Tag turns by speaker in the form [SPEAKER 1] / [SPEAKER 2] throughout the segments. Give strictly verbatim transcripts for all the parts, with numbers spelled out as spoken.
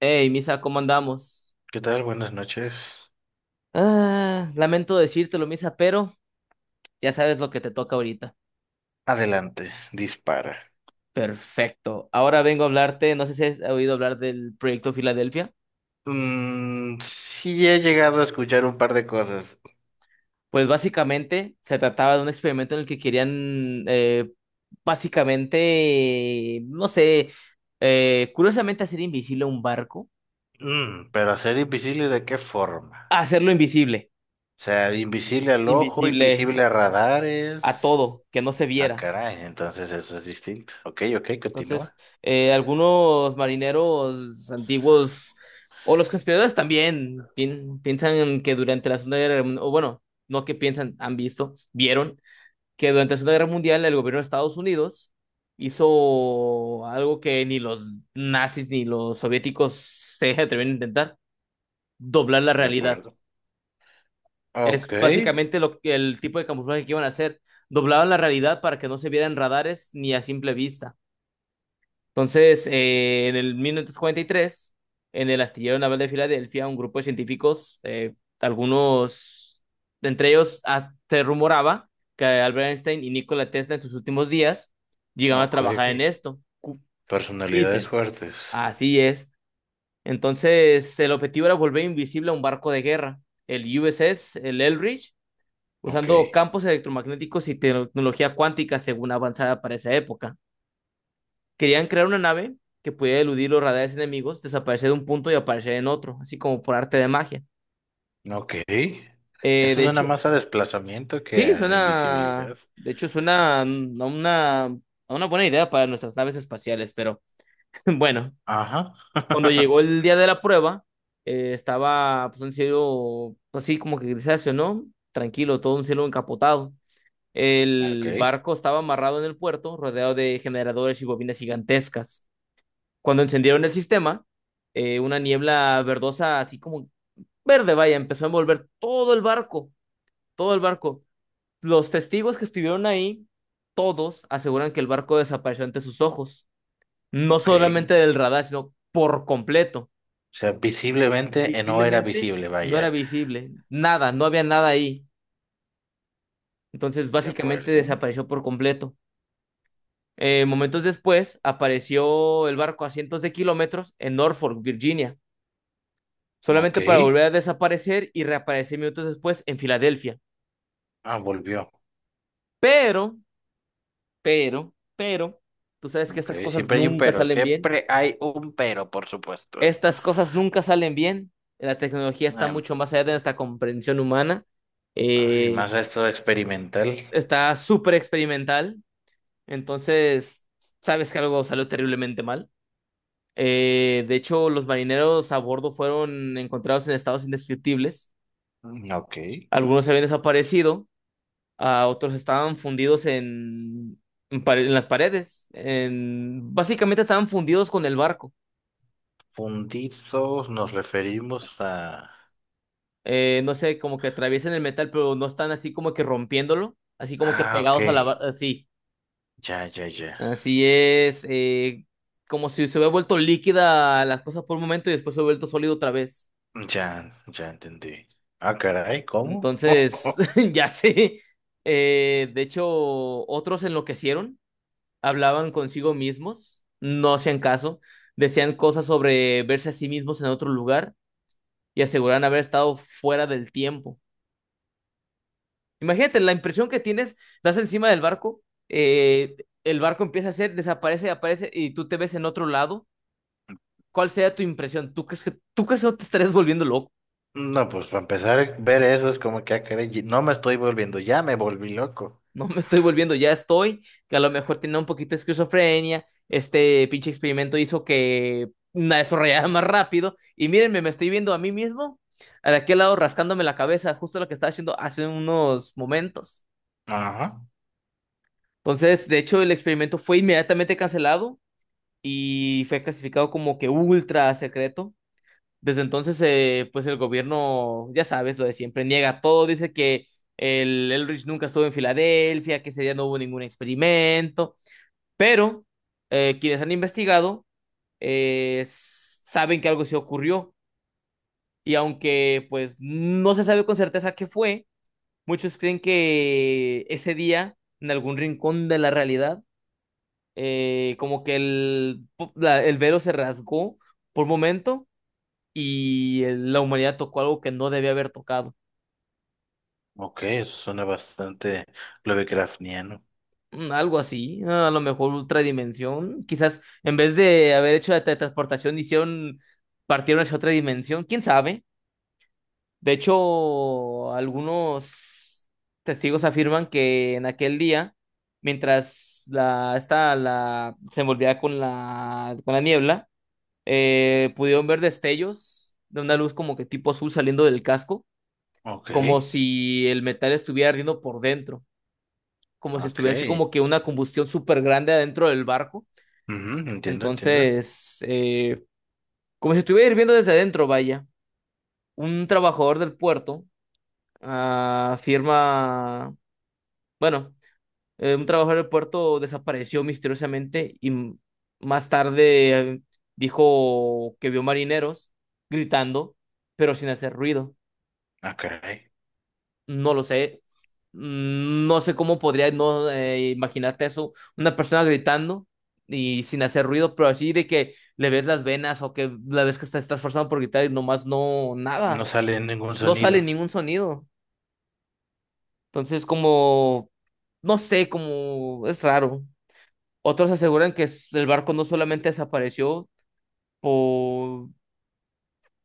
[SPEAKER 1] Hey, Misa, ¿cómo andamos?
[SPEAKER 2] ¿Qué tal? Buenas noches.
[SPEAKER 1] Ah, lamento decírtelo, Misa, pero ya sabes lo que te toca ahorita.
[SPEAKER 2] Adelante, dispara.
[SPEAKER 1] Perfecto. Ahora vengo a hablarte, no sé si has oído hablar del proyecto Filadelfia.
[SPEAKER 2] Mm, sí he llegado a escuchar un par de cosas.
[SPEAKER 1] Pues básicamente se trataba de un experimento en el que querían, eh, básicamente, no sé, eh, curiosamente hacer invisible un barco,
[SPEAKER 2] Mm, pero ser invisible, ¿de qué forma?
[SPEAKER 1] hacerlo invisible,
[SPEAKER 2] O sea, invisible al ojo,
[SPEAKER 1] invisible
[SPEAKER 2] invisible a
[SPEAKER 1] a
[SPEAKER 2] radares.
[SPEAKER 1] todo, que no se
[SPEAKER 2] Ah,
[SPEAKER 1] viera.
[SPEAKER 2] caray, entonces eso es distinto. Ok, ok,
[SPEAKER 1] Entonces,
[SPEAKER 2] continúa.
[SPEAKER 1] eh, algunos marineros antiguos o los conspiradores también pien- piensan que durante la Segunda Guerra Mundial, o bueno, no que piensan, han visto, vieron que durante la Segunda Guerra Mundial el gobierno de Estados Unidos hizo algo que ni los nazis ni los soviéticos se atrevieron a intentar, doblar la
[SPEAKER 2] De
[SPEAKER 1] realidad.
[SPEAKER 2] acuerdo. Ok,
[SPEAKER 1] Es básicamente lo que- el tipo de camuflaje que iban a hacer. Doblaban la realidad para que no se vieran radares ni a simple vista. Entonces, eh, en el mil novecientos cuarenta y tres, en el astillero naval de Filadelfia, un grupo de científicos, eh, algunos de entre ellos, ah, se rumoraba que Albert Einstein y Nikola Tesla en sus últimos días llegaban a
[SPEAKER 2] ok.
[SPEAKER 1] trabajar en esto. Cu-
[SPEAKER 2] Personalidades
[SPEAKER 1] Dicen.
[SPEAKER 2] fuertes.
[SPEAKER 1] Así es. Entonces, el objetivo era volver invisible a un barco de guerra, el U S S, el Eldridge,
[SPEAKER 2] Ok,
[SPEAKER 1] usando campos electromagnéticos y tecnología cuántica según avanzada para esa época. Querían crear una nave que pudiera eludir los radares enemigos, desaparecer de un punto y aparecer en otro, así como por arte de magia.
[SPEAKER 2] ok.
[SPEAKER 1] Eh,
[SPEAKER 2] Eso
[SPEAKER 1] de
[SPEAKER 2] suena
[SPEAKER 1] hecho,
[SPEAKER 2] más a desplazamiento que
[SPEAKER 1] sí,
[SPEAKER 2] a
[SPEAKER 1] suena,
[SPEAKER 2] invisibilidad.
[SPEAKER 1] de hecho, suena a una, a una buena idea para nuestras naves espaciales, pero bueno,
[SPEAKER 2] Ajá.
[SPEAKER 1] cuando llegó el día de la prueba, eh, estaba pues, un cielo así como que grisáceo, ¿no? Tranquilo, todo un cielo encapotado.
[SPEAKER 2] Ok.
[SPEAKER 1] El barco estaba amarrado en el puerto, rodeado de generadores y bobinas gigantescas. Cuando encendieron el sistema, eh, una niebla verdosa, así como verde, vaya, empezó a envolver todo el barco, todo el barco. Los testigos que estuvieron ahí, todos aseguran que el barco desapareció ante sus ojos, no
[SPEAKER 2] Ok.
[SPEAKER 1] solamente del radar, sino por completo.
[SPEAKER 2] O sea, visiblemente eh, no era
[SPEAKER 1] Visiblemente
[SPEAKER 2] visible,
[SPEAKER 1] no era
[SPEAKER 2] vaya.
[SPEAKER 1] visible, nada, no había nada ahí. Entonces,
[SPEAKER 2] De
[SPEAKER 1] básicamente
[SPEAKER 2] acuerdo.
[SPEAKER 1] desapareció por completo. Eh, momentos después, apareció el barco a cientos de kilómetros en Norfolk, Virginia,
[SPEAKER 2] Ok.
[SPEAKER 1] solamente para volver a desaparecer y reaparecer minutos después en Filadelfia.
[SPEAKER 2] Ah, volvió.
[SPEAKER 1] Pero, pero, pero, tú sabes que
[SPEAKER 2] Ok.
[SPEAKER 1] estas cosas
[SPEAKER 2] Siempre hay un
[SPEAKER 1] nunca
[SPEAKER 2] pero.
[SPEAKER 1] salen bien.
[SPEAKER 2] Siempre hay un pero, por supuesto.
[SPEAKER 1] Estas cosas nunca salen bien. La tecnología está
[SPEAKER 2] Em,
[SPEAKER 1] mucho más allá de nuestra comprensión humana.
[SPEAKER 2] Así,
[SPEAKER 1] Eh,
[SPEAKER 2] más a esto experimental.
[SPEAKER 1] está súper experimental. Entonces, sabes que algo salió terriblemente mal. Eh, de hecho, los marineros a bordo fueron encontrados en estados indescriptibles.
[SPEAKER 2] Mm, ok.
[SPEAKER 1] Algunos habían desaparecido, a otros estaban fundidos en, en, pare- en las paredes, en, básicamente estaban fundidos con el barco.
[SPEAKER 2] Fundidos nos referimos a...
[SPEAKER 1] Eh, no sé, como que atraviesan el metal, pero no están así como que rompiéndolo, así como que
[SPEAKER 2] Ah, ok.
[SPEAKER 1] pegados a la barca, así.
[SPEAKER 2] Ya, ya, ya.
[SPEAKER 1] Así es, eh, como si se hubiera vuelto líquida las cosas por un momento y después se hubiera vuelto sólido otra vez.
[SPEAKER 2] Ya, ya entendí. Ah, caray, ¿cómo?
[SPEAKER 1] Entonces, ya sé. Eh, de hecho, otros enloquecieron, hablaban consigo mismos, no hacían caso, decían cosas sobre verse a sí mismos en otro lugar y aseguraban haber estado fuera del tiempo. Imagínate la impresión que tienes, estás encima del barco, eh, el barco empieza a hacer, desaparece, aparece y tú te ves en otro lado. ¿Cuál sería tu impresión? ¿Tú crees que, tú crees que no te estarías volviendo loco?
[SPEAKER 2] No, pues para empezar a ver eso es como que, ah, caray, no me estoy volviendo, ya me volví loco.
[SPEAKER 1] No me estoy volviendo, ya estoy, que a lo mejor tenía un poquito de esquizofrenia, este pinche experimento hizo que la desarrollara más rápido, y mírenme, me estoy viendo a mí mismo, a de aquel lado rascándome la cabeza, justo lo que estaba haciendo hace unos momentos.
[SPEAKER 2] Ajá.
[SPEAKER 1] Entonces, de hecho, el experimento fue inmediatamente cancelado y fue clasificado como que ultra secreto. Desde entonces, eh, pues el gobierno, ya sabes, lo de siempre, niega todo, dice que el Elrich nunca estuvo en Filadelfia, que ese día no hubo ningún experimento. Pero eh, quienes han investigado eh, s- saben que algo sí ocurrió y aunque pues no se sabe con certeza qué fue, muchos creen que ese día en algún rincón de la realidad, eh, como que el, po- la- el velo se rasgó por un momento y el- la humanidad tocó algo que no debía haber tocado.
[SPEAKER 2] Ok, eso suena bastante lovecraftiano.
[SPEAKER 1] Mm, algo así, a lo mejor otra dimensión. Quizás en vez de haber hecho la teletransportación, hicieron, partieron hacia otra dimensión. ¿Quién sabe? De hecho, algunos testigos afirman que en aquel día, mientras la, esta, la, se envolvía con la, con la niebla, eh, pudieron ver destellos de una luz como que tipo azul saliendo del casco,
[SPEAKER 2] Ok,
[SPEAKER 1] como si el metal estuviera ardiendo por dentro, como si
[SPEAKER 2] ok.
[SPEAKER 1] estuviera así como que una combustión súper grande adentro del barco.
[SPEAKER 2] Ujú, entiendo, entiendo.
[SPEAKER 1] Entonces, eh, como si estuviera hirviendo desde adentro, vaya. Un trabajador del puerto ah, afirma, bueno, eh, un trabajador del puerto desapareció misteriosamente y m- más tarde eh, dijo que vio marineros gritando, pero sin hacer ruido.
[SPEAKER 2] Ah, caray.
[SPEAKER 1] No lo sé. Mm, no sé cómo podría no eh, imaginarte eso. Una persona gritando y sin hacer ruido, pero así de que le ves las venas o que la ves que está, está esforzando por gritar y nomás no,
[SPEAKER 2] No
[SPEAKER 1] nada.
[SPEAKER 2] sale ningún
[SPEAKER 1] No sale
[SPEAKER 2] sonido.
[SPEAKER 1] ningún sonido. Entonces, como, no sé, como es raro. Otros aseguran que s- el barco no solamente desapareció por...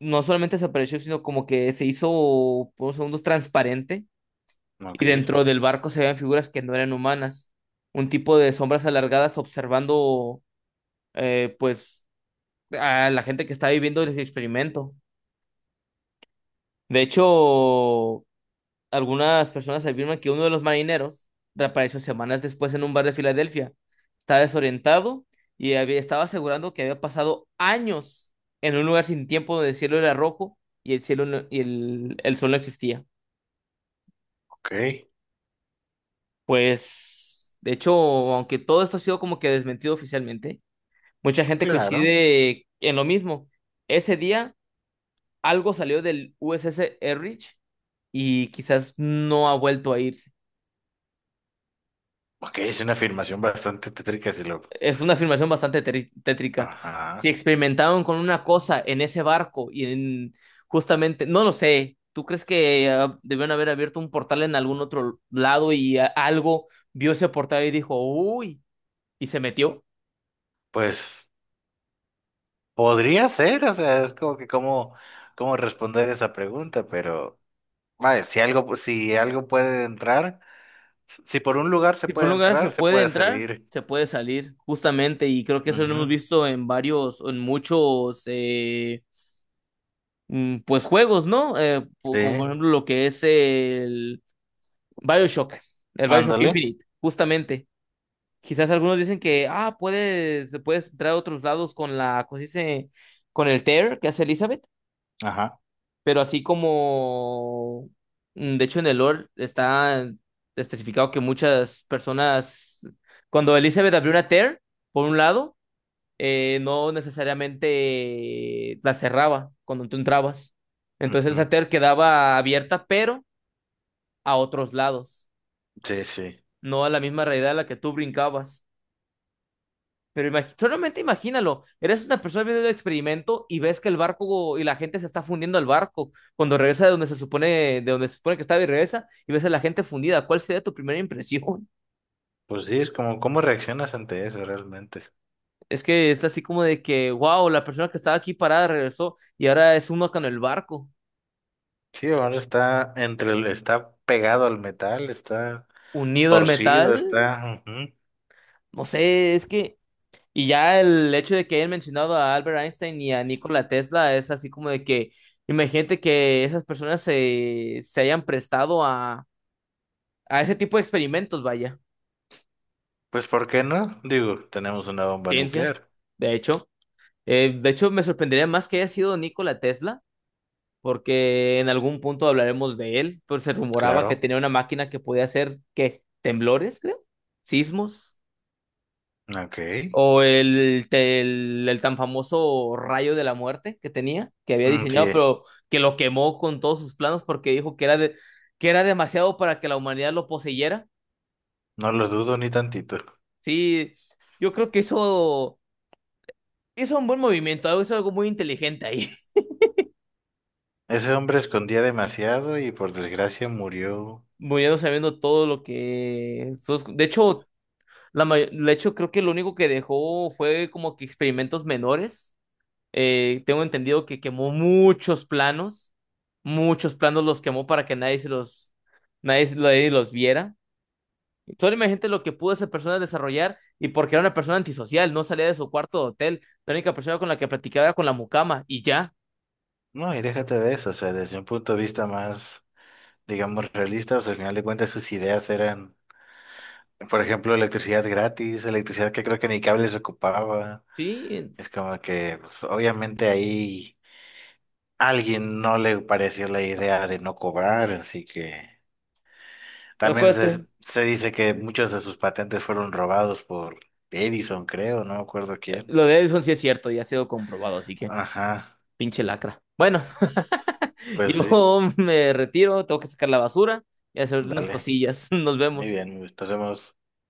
[SPEAKER 1] No solamente desapareció, sino como que se hizo por segundos transparente y
[SPEAKER 2] Ok,
[SPEAKER 1] dentro del barco se veían figuras que no eran humanas. Un tipo de sombras alargadas observando, eh, pues, a la gente que estaba viviendo el experimento. De hecho, algunas personas afirman que uno de los marineros reapareció semanas después en un bar de Filadelfia. Estaba desorientado y había, estaba asegurando que había pasado años en un lugar sin tiempo donde el cielo era rojo y el cielo no- y el, el sol no existía.
[SPEAKER 2] ok.
[SPEAKER 1] Pues, de hecho, aunque todo esto ha sido como que desmentido oficialmente, mucha gente
[SPEAKER 2] Claro.
[SPEAKER 1] coincide en lo mismo. Ese día algo salió del U S S Erich y quizás no ha vuelto a ir.
[SPEAKER 2] Ok, es una afirmación bastante tétrica, si lo...
[SPEAKER 1] Es una afirmación bastante teri- tétrica. Si
[SPEAKER 2] Ajá.
[SPEAKER 1] experimentaron con una cosa en ese barco y en justamente, no lo sé, ¿tú crees que ah, debieron haber abierto un portal en algún otro lado y ah, algo vio ese portal y dijo, uy, y se metió?
[SPEAKER 2] Pues podría ser, o sea, es como que cómo, cómo responder esa pregunta, pero vaya, si algo, si algo puede entrar, si por un lugar se
[SPEAKER 1] Si por un
[SPEAKER 2] puede
[SPEAKER 1] lugar se
[SPEAKER 2] entrar, se
[SPEAKER 1] puede
[SPEAKER 2] puede
[SPEAKER 1] entrar,
[SPEAKER 2] salir.
[SPEAKER 1] se puede salir, justamente, y creo que eso lo hemos
[SPEAKER 2] Ujú,
[SPEAKER 1] visto en varios, en muchos, eh, mm, pues juegos, ¿no? Eh, po-
[SPEAKER 2] sí.
[SPEAKER 1] como por ejemplo lo que es el BioShock, el BioShock
[SPEAKER 2] Ándale.
[SPEAKER 1] Infinite, justamente. Quizás algunos dicen que, ah, puedes, puedes entrar a otros lados con la, ¿cómo se dice? Con el tear que hace Elizabeth,
[SPEAKER 2] Ajá.
[SPEAKER 1] pero así como, mm, de hecho en el lore está especificado que muchas personas, cuando Elizabeth abrió una tear, por un lado, eh, no necesariamente la cerraba cuando tú entrabas. Entonces esa
[SPEAKER 2] Ujú.
[SPEAKER 1] tear quedaba abierta, pero a otros lados,
[SPEAKER 2] Sí, sí.
[SPEAKER 1] no a la misma realidad a la que tú brincabas. Pero imag- solamente imagínalo, eres una persona viendo el experimento y ves que el barco y la gente se está fundiendo al barco cuando regresa de donde se supone, de donde se supone que estaba y regresa y ves a la gente fundida. ¿Cuál sería tu primera impresión?
[SPEAKER 2] Pues sí, es como, ¿cómo reaccionas ante eso realmente?
[SPEAKER 1] Es que es así como de que, wow, la persona que estaba aquí parada regresó y ahora es uno con el barco,
[SPEAKER 2] Sí, ahora está entre el, está pegado al metal, está
[SPEAKER 1] unido al
[SPEAKER 2] torcido,
[SPEAKER 1] metal.
[SPEAKER 2] está. Ujú.
[SPEAKER 1] No sé, es que... Y ya el hecho de que hayan mencionado a Albert Einstein y a Nikola Tesla es así como de que, imagínate que esas personas se, se hayan prestado a a ese tipo de experimentos, vaya,
[SPEAKER 2] Pues, ¿por qué no? Digo, tenemos una bomba
[SPEAKER 1] ciencia,
[SPEAKER 2] nuclear.
[SPEAKER 1] de hecho. Eh, de hecho, me sorprendería más que haya sido Nikola Tesla, porque en algún punto hablaremos de él, pero se rumoraba que
[SPEAKER 2] Claro.
[SPEAKER 1] tenía una máquina que podía hacer, ¿qué? Temblores, creo, sismos,
[SPEAKER 2] Ok.
[SPEAKER 1] o el, te- el, el tan famoso rayo de la muerte que tenía, que había
[SPEAKER 2] Mm,
[SPEAKER 1] diseñado,
[SPEAKER 2] sí,
[SPEAKER 1] pero que lo quemó con todos sus planos porque dijo que era, de, que era demasiado para que la humanidad lo poseyera.
[SPEAKER 2] no lo dudo ni tantito.
[SPEAKER 1] Sí, yo creo que eso hizo un buen movimiento, algo- hizo algo muy inteligente ahí,
[SPEAKER 2] Ese hombre escondía demasiado y por desgracia murió.
[SPEAKER 1] muriendo sabiendo todo lo que... sus- De hecho, la may- de hecho, creo que lo único que dejó fue como que experimentos menores. Eh, tengo entendido que quemó muchos planos, muchos planos los quemó para que nadie se los, nadie, se- nadie los viera. Solo imagínate lo que pudo esa persona desarrollar y porque era una persona antisocial, no salía de su cuarto de hotel, la única persona con la que platicaba era con la mucama y ya,
[SPEAKER 2] No, y déjate de eso, o sea, desde un punto de vista más, digamos, realista, o sea, al final de cuentas sus ideas eran, por ejemplo, electricidad gratis, electricidad que creo que ni cables ocupaba.
[SPEAKER 1] ¿sí?
[SPEAKER 2] Es como que, pues, obviamente ahí alguien no le pareció la idea de no cobrar, así que también se,
[SPEAKER 1] Acuérdate.
[SPEAKER 2] se dice que muchos de sus patentes fueron robados por Edison, creo, no me acuerdo quién.
[SPEAKER 1] Lo de Edison sí es cierto y ha sido comprobado, así que
[SPEAKER 2] Ajá,
[SPEAKER 1] pinche lacra. Bueno,
[SPEAKER 2] pues sí,
[SPEAKER 1] yo me retiro, tengo que sacar la basura y hacer unas
[SPEAKER 2] dale.
[SPEAKER 1] cosillas. Nos
[SPEAKER 2] Muy
[SPEAKER 1] vemos.
[SPEAKER 2] bien, pues, pasemos.